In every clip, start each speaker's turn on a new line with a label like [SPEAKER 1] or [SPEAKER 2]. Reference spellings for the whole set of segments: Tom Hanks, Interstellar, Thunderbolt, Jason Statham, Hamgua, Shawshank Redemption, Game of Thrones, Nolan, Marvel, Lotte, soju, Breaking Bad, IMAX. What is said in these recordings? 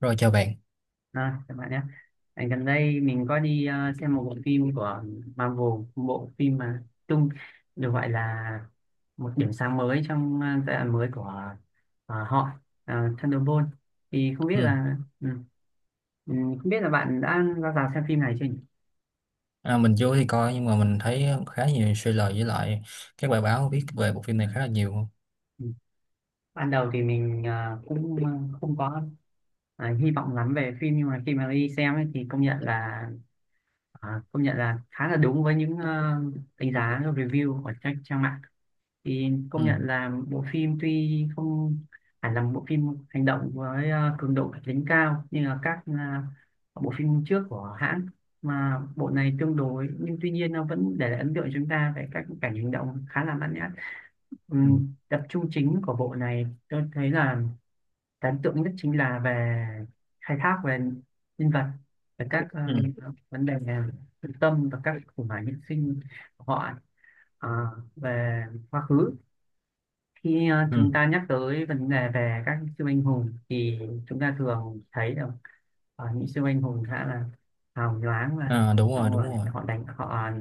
[SPEAKER 1] Rồi chào bạn.
[SPEAKER 2] Các bạn nhé. Gần đây mình có đi xem một bộ phim của Marvel, một bộ phim mà tung được gọi là một điểm sáng mới trong giai đoạn mới của ờ, họ Thunderbolt. Thì không biết
[SPEAKER 1] Ừ.
[SPEAKER 2] là ừ, không biết là bạn đã ra rạp xem phim này chưa nhỉ?
[SPEAKER 1] À, mình vô thì coi nhưng mà mình thấy khá nhiều trailer với lại các bài báo viết về bộ phim này khá là nhiều.
[SPEAKER 2] Ừ. Ban đầu thì mình cũng không có hy vọng lắm về phim, nhưng mà khi mà đi xem ấy, thì công nhận là, công nhận là khá là đúng với những đánh giá review của các trang mạng. Thì
[SPEAKER 1] Ừ.
[SPEAKER 2] công nhận là bộ phim tuy không hẳn là một bộ phim hành động với cường độ kịch tính cao như là các bộ phim trước của hãng, mà bộ này tương đối, nhưng tuy nhiên nó vẫn để lại ấn tượng cho chúng ta về các cảnh hành động khá là mãn nhãn.
[SPEAKER 1] Ừ.
[SPEAKER 2] Tập trung chính của bộ này tôi thấy là ấn tượng nhất chính là về khai thác về nhân vật, về các
[SPEAKER 1] Ừ.
[SPEAKER 2] vấn đề thực tâm và các khủng hoảng nhân sinh của họ. Ờ, về quá khứ, khi chúng
[SPEAKER 1] Ừ.
[SPEAKER 2] ta nhắc tới vấn đề về các siêu anh hùng thì chúng ta thường thấy được những siêu anh hùng khá là hào nhoáng và
[SPEAKER 1] À, đúng rồi,
[SPEAKER 2] xong
[SPEAKER 1] đúng
[SPEAKER 2] rồi
[SPEAKER 1] rồi.
[SPEAKER 2] họ đánh họ,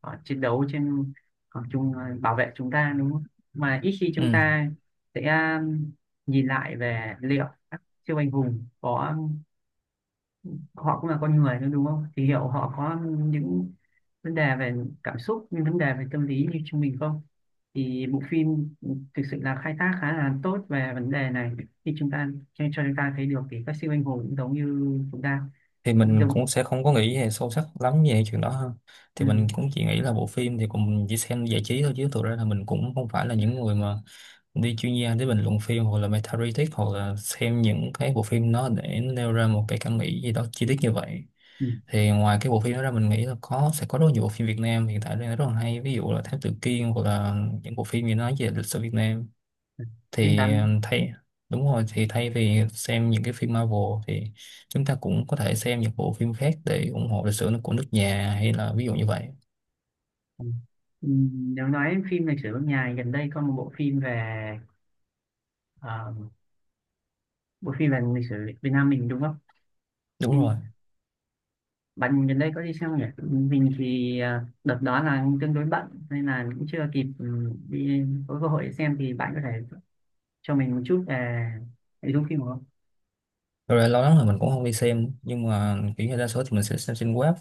[SPEAKER 2] họ chiến đấu trên, họ chung bảo vệ chúng ta đúng không, mà ít khi chúng
[SPEAKER 1] Ừ.
[SPEAKER 2] ta sẽ nhìn lại về liệu các siêu anh hùng có, họ cũng là con người thôi đúng không, thì liệu họ có những vấn đề về cảm xúc, những vấn đề về tâm lý như chúng mình không. Thì bộ phim thực sự là khai thác khá là tốt về vấn đề này, khi chúng ta cho chúng ta thấy được thì các siêu anh hùng cũng giống như chúng ta,
[SPEAKER 1] Thì
[SPEAKER 2] cũng
[SPEAKER 1] mình
[SPEAKER 2] giống
[SPEAKER 1] cũng sẽ không có nghĩ về sâu sắc lắm về chuyện đó ha.
[SPEAKER 2] ừ,
[SPEAKER 1] Thì mình cũng chỉ nghĩ là bộ phim thì cũng chỉ xem giải trí thôi, chứ thực ra là mình cũng không phải là những người mà đi chuyên gia để bình luận phim hoặc là meta critic, hoặc là xem những cái bộ phim nó để nêu ra một cái cảm nghĩ gì đó chi tiết như vậy.
[SPEAKER 2] ừ,
[SPEAKER 1] Thì ngoài cái bộ phim đó ra, mình nghĩ là có sẽ có rất nhiều bộ phim Việt Nam hiện tại đang rất là hay, ví dụ là Thám Tử Kiên hoặc là những bộ phim gì nói về lịch sử Việt Nam
[SPEAKER 2] phim
[SPEAKER 1] thì
[SPEAKER 2] tám
[SPEAKER 1] thay đúng rồi, thì thay vì xem những cái phim Marvel thì chúng ta cũng có thể xem những bộ phim khác để ủng hộ lịch sử của nước nhà, hay là ví dụ như vậy.
[SPEAKER 2] ừ. Ừ, nếu nói phim lịch sử nước nhà gần đây có một bộ phim về, ờ, bộ phim về lịch sử Việt Nam mình đúng không,
[SPEAKER 1] Đúng rồi.
[SPEAKER 2] phim. Bạn gần đây có đi xem không nhỉ? Mình thì đợt đó là tương đối bận nên là cũng chưa kịp, đi có cơ hội để xem. Thì bạn có thể cho mình một chút về nội dung phim được không?
[SPEAKER 1] Thật ra lâu lắm rồi mình cũng không đi xem, nhưng mà kiểu như đa số thì mình sẽ xem trên web.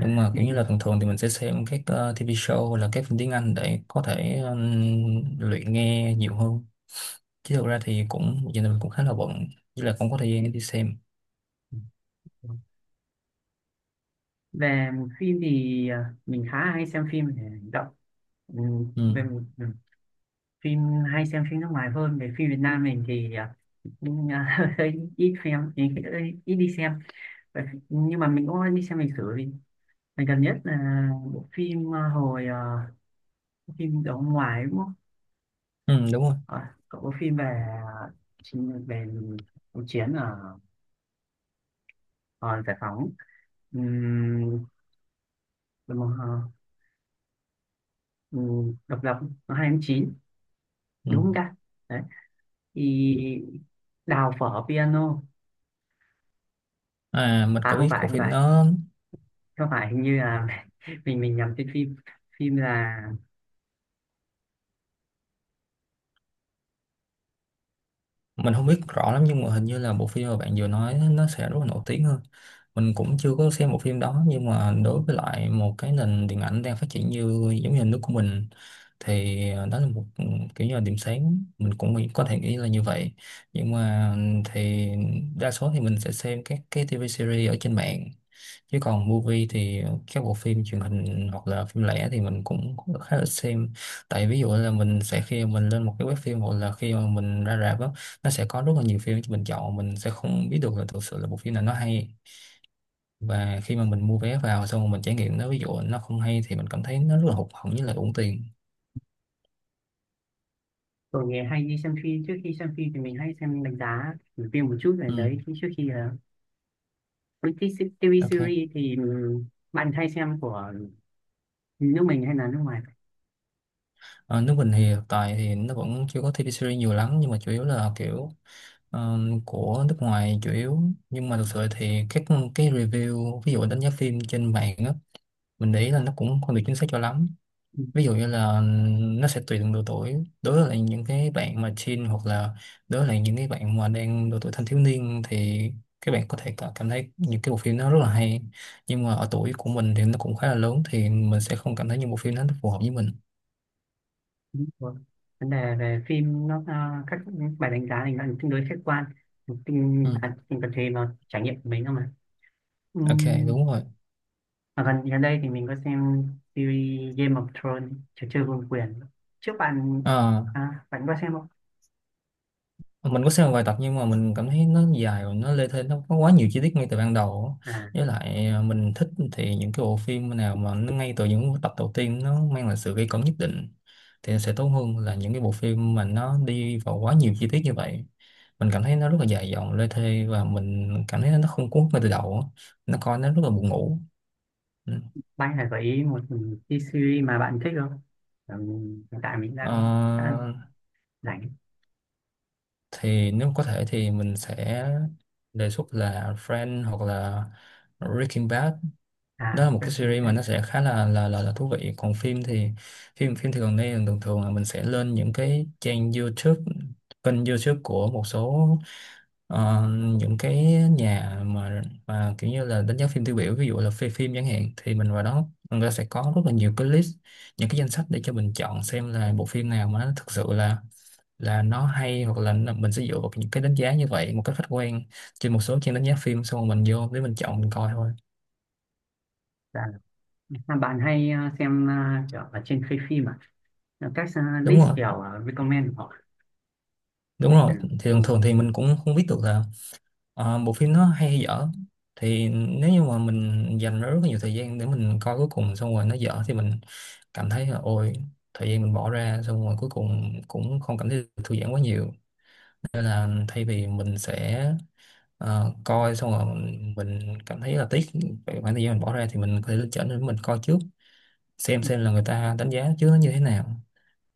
[SPEAKER 1] Nhưng mà kiểu như là thường thường thì mình sẽ xem các TV show hoặc là các phim tiếng Anh để có thể luyện nghe nhiều hơn, chứ thực ra thì cũng giờ này mình cũng khá là bận, chứ là không có thời gian để đi xem.
[SPEAKER 2] về phim thì mình khá hay xem phim để hành động. Ừ,
[SPEAKER 1] Ừ.
[SPEAKER 2] về phim, hay xem phim nước ngoài hơn, về phim Việt Nam mình thì hơi ít xem, ít đi xem. Vậy- nhưng mà mình cũng đi xem lịch sử, vì mình gần nhất là bộ phim phim đó ngoài đúng không,
[SPEAKER 1] Ừ, đúng rồi.
[SPEAKER 2] cậu có phim về, phim về cuộc chiến ở giải phóng, ừm, đúng không? Ờ, Độc lập, nó hai tháng chín
[SPEAKER 1] Ừ.
[SPEAKER 2] đúng không ta, đấy, thì đào phở piano.
[SPEAKER 1] À mình
[SPEAKER 2] À
[SPEAKER 1] có
[SPEAKER 2] không
[SPEAKER 1] biết
[SPEAKER 2] phải,
[SPEAKER 1] của
[SPEAKER 2] không
[SPEAKER 1] phim
[SPEAKER 2] phải,
[SPEAKER 1] đó.
[SPEAKER 2] không phải, hình như là mình nhầm tên phim, phim là,
[SPEAKER 1] Mình không biết rõ lắm nhưng mà hình như là bộ phim mà bạn vừa nói nó sẽ rất là nổi tiếng hơn. Mình cũng chưa có xem bộ phim đó, nhưng mà đối với lại một cái nền điện ảnh đang phát triển như giống như nước của mình thì đó là một kiểu như là điểm sáng, có thể nghĩ là như vậy. Nhưng mà thì đa số thì mình sẽ xem các cái TV series ở trên mạng, chứ còn movie thì các bộ phim truyền hình hoặc là phim lẻ thì mình cũng cũng khá là xem. Tại ví dụ là mình sẽ khi mình lên một cái web phim hoặc là khi mà mình ra rạp á, nó sẽ có rất là nhiều phim cho mình chọn, mình sẽ không biết được là thực sự là bộ phim nào nó hay. Và khi mà mình mua vé vào xong rồi mình trải nghiệm nó, ví dụ nó không hay thì mình cảm thấy nó rất là hụt hẫng với lại uổng tiền.
[SPEAKER 2] tôi nghe hay đi xem phim. Trước khi xem phim thì mình hay xem đánh giá review phim một chút về
[SPEAKER 1] Ừ.
[SPEAKER 2] đấy khi- trước khi là British TV
[SPEAKER 1] OK.
[SPEAKER 2] series thì bạn hay xem của nước mình hay là nước ngoài?
[SPEAKER 1] Ờ, nước mình thì hiện tại thì nó vẫn chưa có TV series nhiều lắm, nhưng mà chủ yếu là kiểu ờ, của nước ngoài chủ yếu. Nhưng mà thực sự thì các cái review, ví dụ đánh giá phim trên mạng á, mình để ý là nó cũng không được chính xác cho lắm.
[SPEAKER 2] Ừ,
[SPEAKER 1] Ví dụ như là nó sẽ tùy từng độ tuổi. Đối với lại những cái bạn mà teen hoặc là đối với lại những cái bạn mà đang độ tuổi thanh thiếu niên thì các bạn có thể cảm thấy những cái bộ phim nó rất là hay, nhưng mà ở tuổi của mình thì nó cũng khá là lớn thì mình sẽ không cảm thấy những bộ phim nó phù hợp với mình.
[SPEAKER 2] vâng. Vấn đề về phim nó, các bài đánh giá này nó tương đối khách quan, tình
[SPEAKER 1] Ừ.
[SPEAKER 2] tình tập thể vào trải nghiệm của mình không mà.
[SPEAKER 1] OK.
[SPEAKER 2] Ừm,
[SPEAKER 1] Đúng rồi.
[SPEAKER 2] mà gần gần đây thì mình có xem series Game of Thrones, trò chơi vương quyền, trước bạn
[SPEAKER 1] Ờ.
[SPEAKER 2] bạn có xem không?
[SPEAKER 1] Mình có xem một vài tập nhưng mà mình cảm thấy nó dài và nó lê thê, nó có quá nhiều chi tiết ngay từ ban đầu á.
[SPEAKER 2] à
[SPEAKER 1] Với lại mình thích thì những cái bộ phim nào mà nó ngay từ những tập đầu tiên nó mang lại sự gây cấn nhất định thì nó sẽ tốt hơn là những cái bộ phim mà nó đi vào quá nhiều chi tiết như vậy. Mình cảm thấy nó rất là dài dòng lê thê và mình cảm thấy nó không cuốn hút ngay từ đầu á. Nó coi nó rất là buồn ngủ. Ừ.
[SPEAKER 2] Bạn là gợi ý một cái series mà bạn thích không? Ừ, hiện tại mình đang khá
[SPEAKER 1] Ờ,
[SPEAKER 2] rảnh.
[SPEAKER 1] thì nếu có thể thì mình sẽ đề xuất là Friends hoặc là Breaking Bad. Đó
[SPEAKER 2] À,
[SPEAKER 1] là một cái
[SPEAKER 2] Breaking
[SPEAKER 1] series mà
[SPEAKER 2] Bad.
[SPEAKER 1] nó sẽ khá là thú vị. Còn phim thì phim phim thì gần đây thường thường là mình sẽ lên những cái trang YouTube, kênh YouTube của một số ờ, những cái nhà mà kiểu như là đánh giá phim tiêu biểu, ví dụ là phim phim chẳng hạn, thì mình vào đó người ta sẽ có rất là nhiều cái list, những cái danh sách để cho mình chọn xem là bộ phim nào mà nó thực sự là nó hay, hoặc là mình sẽ dựa vào những cái đánh giá như vậy một cách khách quan trên một số trang đánh giá phim, xong rồi mình vô để mình chọn mình coi thôi.
[SPEAKER 2] Dạ. Mà bạn hay xem kiểu ở trên khay phim các
[SPEAKER 1] Đúng
[SPEAKER 2] list
[SPEAKER 1] rồi.
[SPEAKER 2] kiểu recommend của họ?
[SPEAKER 1] Đúng rồi, thì
[SPEAKER 2] Ừ. Ừ.
[SPEAKER 1] thường thường thì mình cũng không biết được là bộ phim nó hay hay dở. Thì nếu như mà mình dành rất là nhiều thời gian để mình coi cuối cùng xong rồi nó dở thì mình cảm thấy là ôi, thời gian mình bỏ ra xong rồi cuối cùng cũng không cảm thấy được thư giãn quá nhiều. Nên là thay vì mình sẽ coi xong rồi mình cảm thấy là tiếc về khoảng thời gian mình bỏ ra, thì mình có thể lựa chọn để mình coi trước, xem là người ta đánh giá trước nó như thế nào.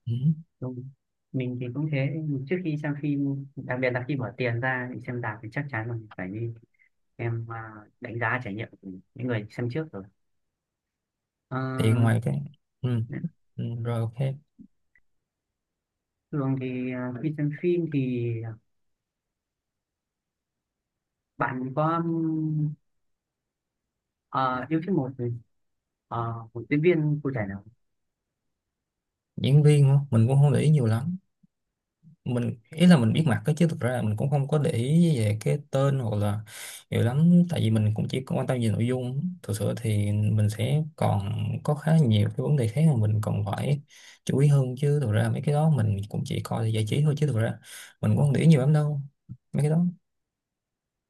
[SPEAKER 1] Ừ.
[SPEAKER 2] Đúng. Mình thì cũng thế, trước khi xem phim, đặc biệt là khi bỏ tiền ra để xem rạp thì chắc chắn là mình phải đi em đánh giá trải nghiệm của những người xem trước rồi. Ờ,
[SPEAKER 1] Thì ngoài cái ừ. Ừ, rồi OK.
[SPEAKER 2] thường thì khi xem phim thì bạn có ờ, yêu thích một một diễn viên cụ thể nào không?
[SPEAKER 1] Diễn viên hả? Mình cũng không để ý nhiều lắm. Mình ý là mình biết mặt đó, chứ thực ra là mình cũng không có để ý về cái tên hoặc là nhiều lắm, tại vì mình cũng chỉ quan tâm về nội dung. Thực sự thì mình sẽ còn có khá nhiều cái vấn đề khác mà mình còn phải chú ý hơn, chứ thực ra mấy cái đó mình cũng chỉ coi để giải trí thôi, chứ thực ra mình cũng không để ý nhiều lắm đâu mấy cái đó.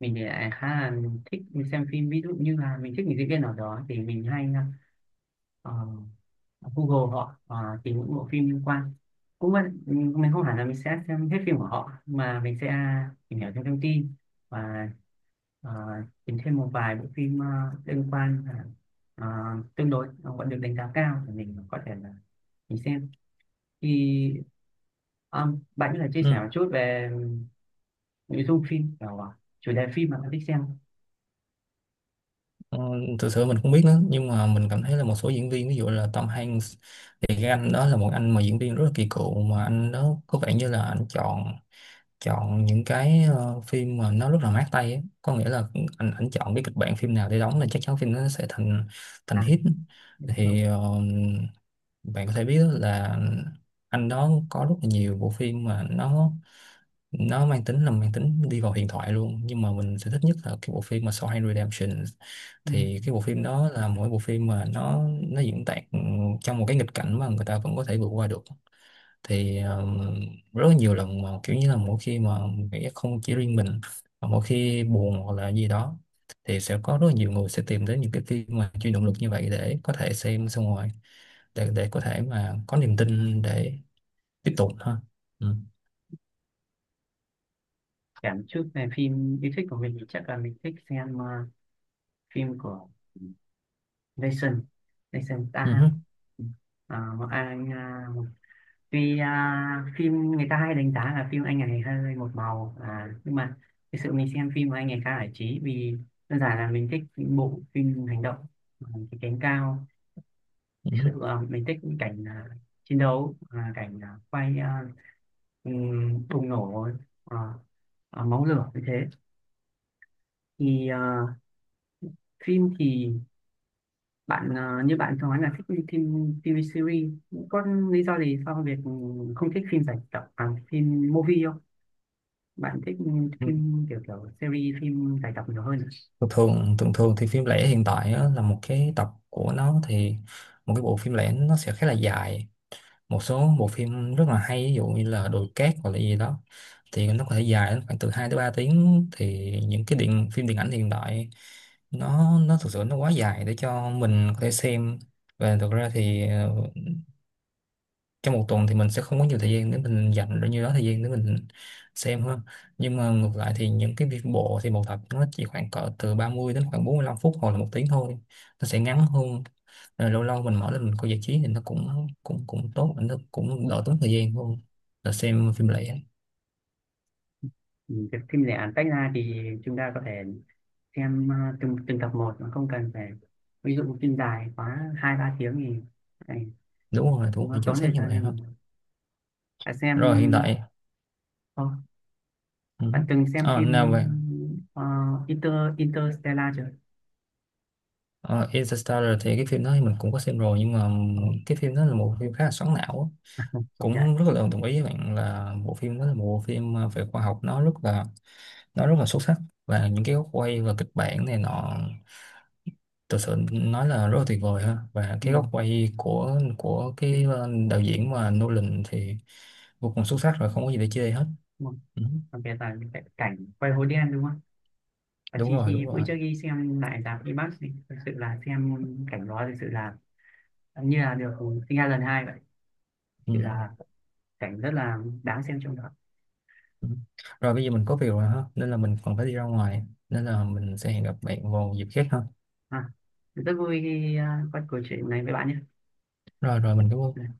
[SPEAKER 2] Mình thì lại khá là thích xem phim, ví dụ như là mình thích một diễn viên nào đó thì mình hay ờ, Google họ, tìm những bộ phim liên quan. Cũng vậy, ừ, mình không hẳn là mình sẽ xem hết phim của họ, mà mình sẽ tìm hiểu thêm thông tin, và ờ, tìm thêm một vài bộ phim liên quan, ờ, ờ, tương đối vẫn được đánh giá cao thì mình có thể là mình xem. Thì bạn có thể chia sẻ
[SPEAKER 1] Ừ.
[SPEAKER 2] một chút về nội dung phim, kiểu chủ đề phim mà bạn thích xem không?
[SPEAKER 1] Ờ, thực sự mình không biết nữa nhưng mà mình cảm thấy là một số diễn viên ví dụ là Tom Hanks thì cái anh đó là một anh mà diễn viên rất là kỳ cựu, mà anh đó có vẻ như là anh chọn chọn những cái phim mà nó rất là mát tay ấy. Có nghĩa là anh chọn cái kịch bản phim nào để đóng là chắc chắn phim nó sẽ thành thành
[SPEAKER 2] À
[SPEAKER 1] hit.
[SPEAKER 2] đúng rồi.
[SPEAKER 1] Thì ờ, bạn có thể biết là anh đó có rất là nhiều bộ phim mà nó mang tính là mang tính đi vào huyền thoại luôn, nhưng mà mình sẽ thích nhất là cái bộ phim mà Shawshank Redemption.
[SPEAKER 2] Ừ.
[SPEAKER 1] Thì cái bộ phim đó là mỗi bộ phim mà nó diễn tả trong một cái nghịch cảnh mà người ta vẫn có thể vượt qua được. Thì ờ, rất là nhiều lần mà kiểu như là mỗi khi mà nghĩ không chỉ riêng mình, mà mỗi khi buồn hoặc là gì đó thì sẽ có rất là nhiều người sẽ tìm đến những cái phim mà chuyên động lực như vậy để có thể xem xong rồi để có thể mà có niềm tin để tiếp tục ha. Ừ.
[SPEAKER 2] Kể một chút về phim yêu thích của mình thì chắc là mình thích xem phim của Jason Jason
[SPEAKER 1] Ừ. Hứ,
[SPEAKER 2] Statham. Ờ, một anh một, tuy phim người ta hay đánh giá là phim anh ấy hơi một màu, nhưng mà thực sự mình xem phim của anh ấy khá giải trí vì đơn giản là mình thích những bộ phim hành động, à, cái cánh cao.
[SPEAKER 1] ừ
[SPEAKER 2] Thực
[SPEAKER 1] hứ,
[SPEAKER 2] sự mình thích những cảnh chiến đấu, cảnh bùng nổ, à, máu lửa như thế. Thì phim thì bạn như bạn nói là thích phim TV series, có lý do gì sao việc không thích phim giải tập, phim movie không? Bạn thích
[SPEAKER 1] ừ.
[SPEAKER 2] phim kiểu, kiểu series, phim giải tập nhiều hơn à?
[SPEAKER 1] Thường thường thì phim lẻ hiện tại á, là một cái tập của nó thì một cái bộ phim lẻ nó sẽ khá là dài. Một số bộ phim rất là hay ví dụ như là Đồi Cát hoặc là gì đó thì nó có thể dài đến khoảng từ 2 tới 3 tiếng. Thì những cái điện phim điện ảnh hiện đại nó thực sự nó quá dài để cho mình có thể xem. Và thực ra thì ờ, trong một tuần thì mình sẽ không có nhiều thời gian để mình dành bao nhiêu đó thời gian để mình xem ha. Nhưng mà ngược lại thì những cái việc bộ thì một tập nó chỉ khoảng cỡ từ 30 đến khoảng 45 phút hoặc là một tiếng thôi, nó sẽ ngắn hơn. Rồi lâu lâu mình mở lên mình coi giải trí thì nó cũng cũng cũng tốt, nó cũng đỡ tốn thời gian hơn là xem phim lẻ.
[SPEAKER 2] Ừ, việc phim lẻ tách ra thì chúng ta có thể xem từng từng tập một mà không cần phải, ví dụ phim dài quá hai ba tiếng thì này,
[SPEAKER 1] Đúng rồi. Đúng rồi,
[SPEAKER 2] nó
[SPEAKER 1] chính
[SPEAKER 2] tốn
[SPEAKER 1] xác
[SPEAKER 2] thời
[SPEAKER 1] như
[SPEAKER 2] gian
[SPEAKER 1] vậy ha.
[SPEAKER 2] hơn. Bạn xem,
[SPEAKER 1] Rồi hiện tại
[SPEAKER 2] Ồ,
[SPEAKER 1] ừ.
[SPEAKER 2] bạn từng xem
[SPEAKER 1] À,
[SPEAKER 2] phim
[SPEAKER 1] nào về
[SPEAKER 2] ờ, Inter Interstellar chưa?
[SPEAKER 1] Ờ, Interstellar thì cái phim đó thì mình cũng có xem rồi nhưng mà
[SPEAKER 2] Ồ,
[SPEAKER 1] cái phim đó là một phim khá là xoắn não á.
[SPEAKER 2] công nhận.
[SPEAKER 1] Cũng rất là đồng ý với bạn là bộ phim đó là một bộ phim về khoa học, nó rất là xuất sắc. Và những cái góc quay và kịch bản này nọ thực sự nói là rất là tuyệt vời ha. Và cái góc quay của
[SPEAKER 2] Ừ.
[SPEAKER 1] cái đạo diễn mà Nolan thì vô cùng xuất sắc, rồi không có gì để chê hết.
[SPEAKER 2] Đúng không?
[SPEAKER 1] Ừ.
[SPEAKER 2] Còn bây giờ những cái cảnh quay hố đen đúng không? Và
[SPEAKER 1] Đúng
[SPEAKER 2] chi
[SPEAKER 1] rồi,
[SPEAKER 2] khi
[SPEAKER 1] đúng
[SPEAKER 2] bữa
[SPEAKER 1] rồi.
[SPEAKER 2] trước đi xem lại rạp IMAX thì thực sự là xem cảnh đó thực sự là như là được sinh ra lần hai vậy. Thực
[SPEAKER 1] Ừ.
[SPEAKER 2] sự là cảnh rất là đáng xem trong đó.
[SPEAKER 1] Ừ. Rồi bây giờ mình có việc rồi ha, nên là mình còn phải đi ra ngoài, nên là mình sẽ hẹn gặp bạn vào dịp khác ha.
[SPEAKER 2] À, rất vui khi có cuộc chuyện này với bạn nhé.
[SPEAKER 1] Rồi rồi mình cảm ơn.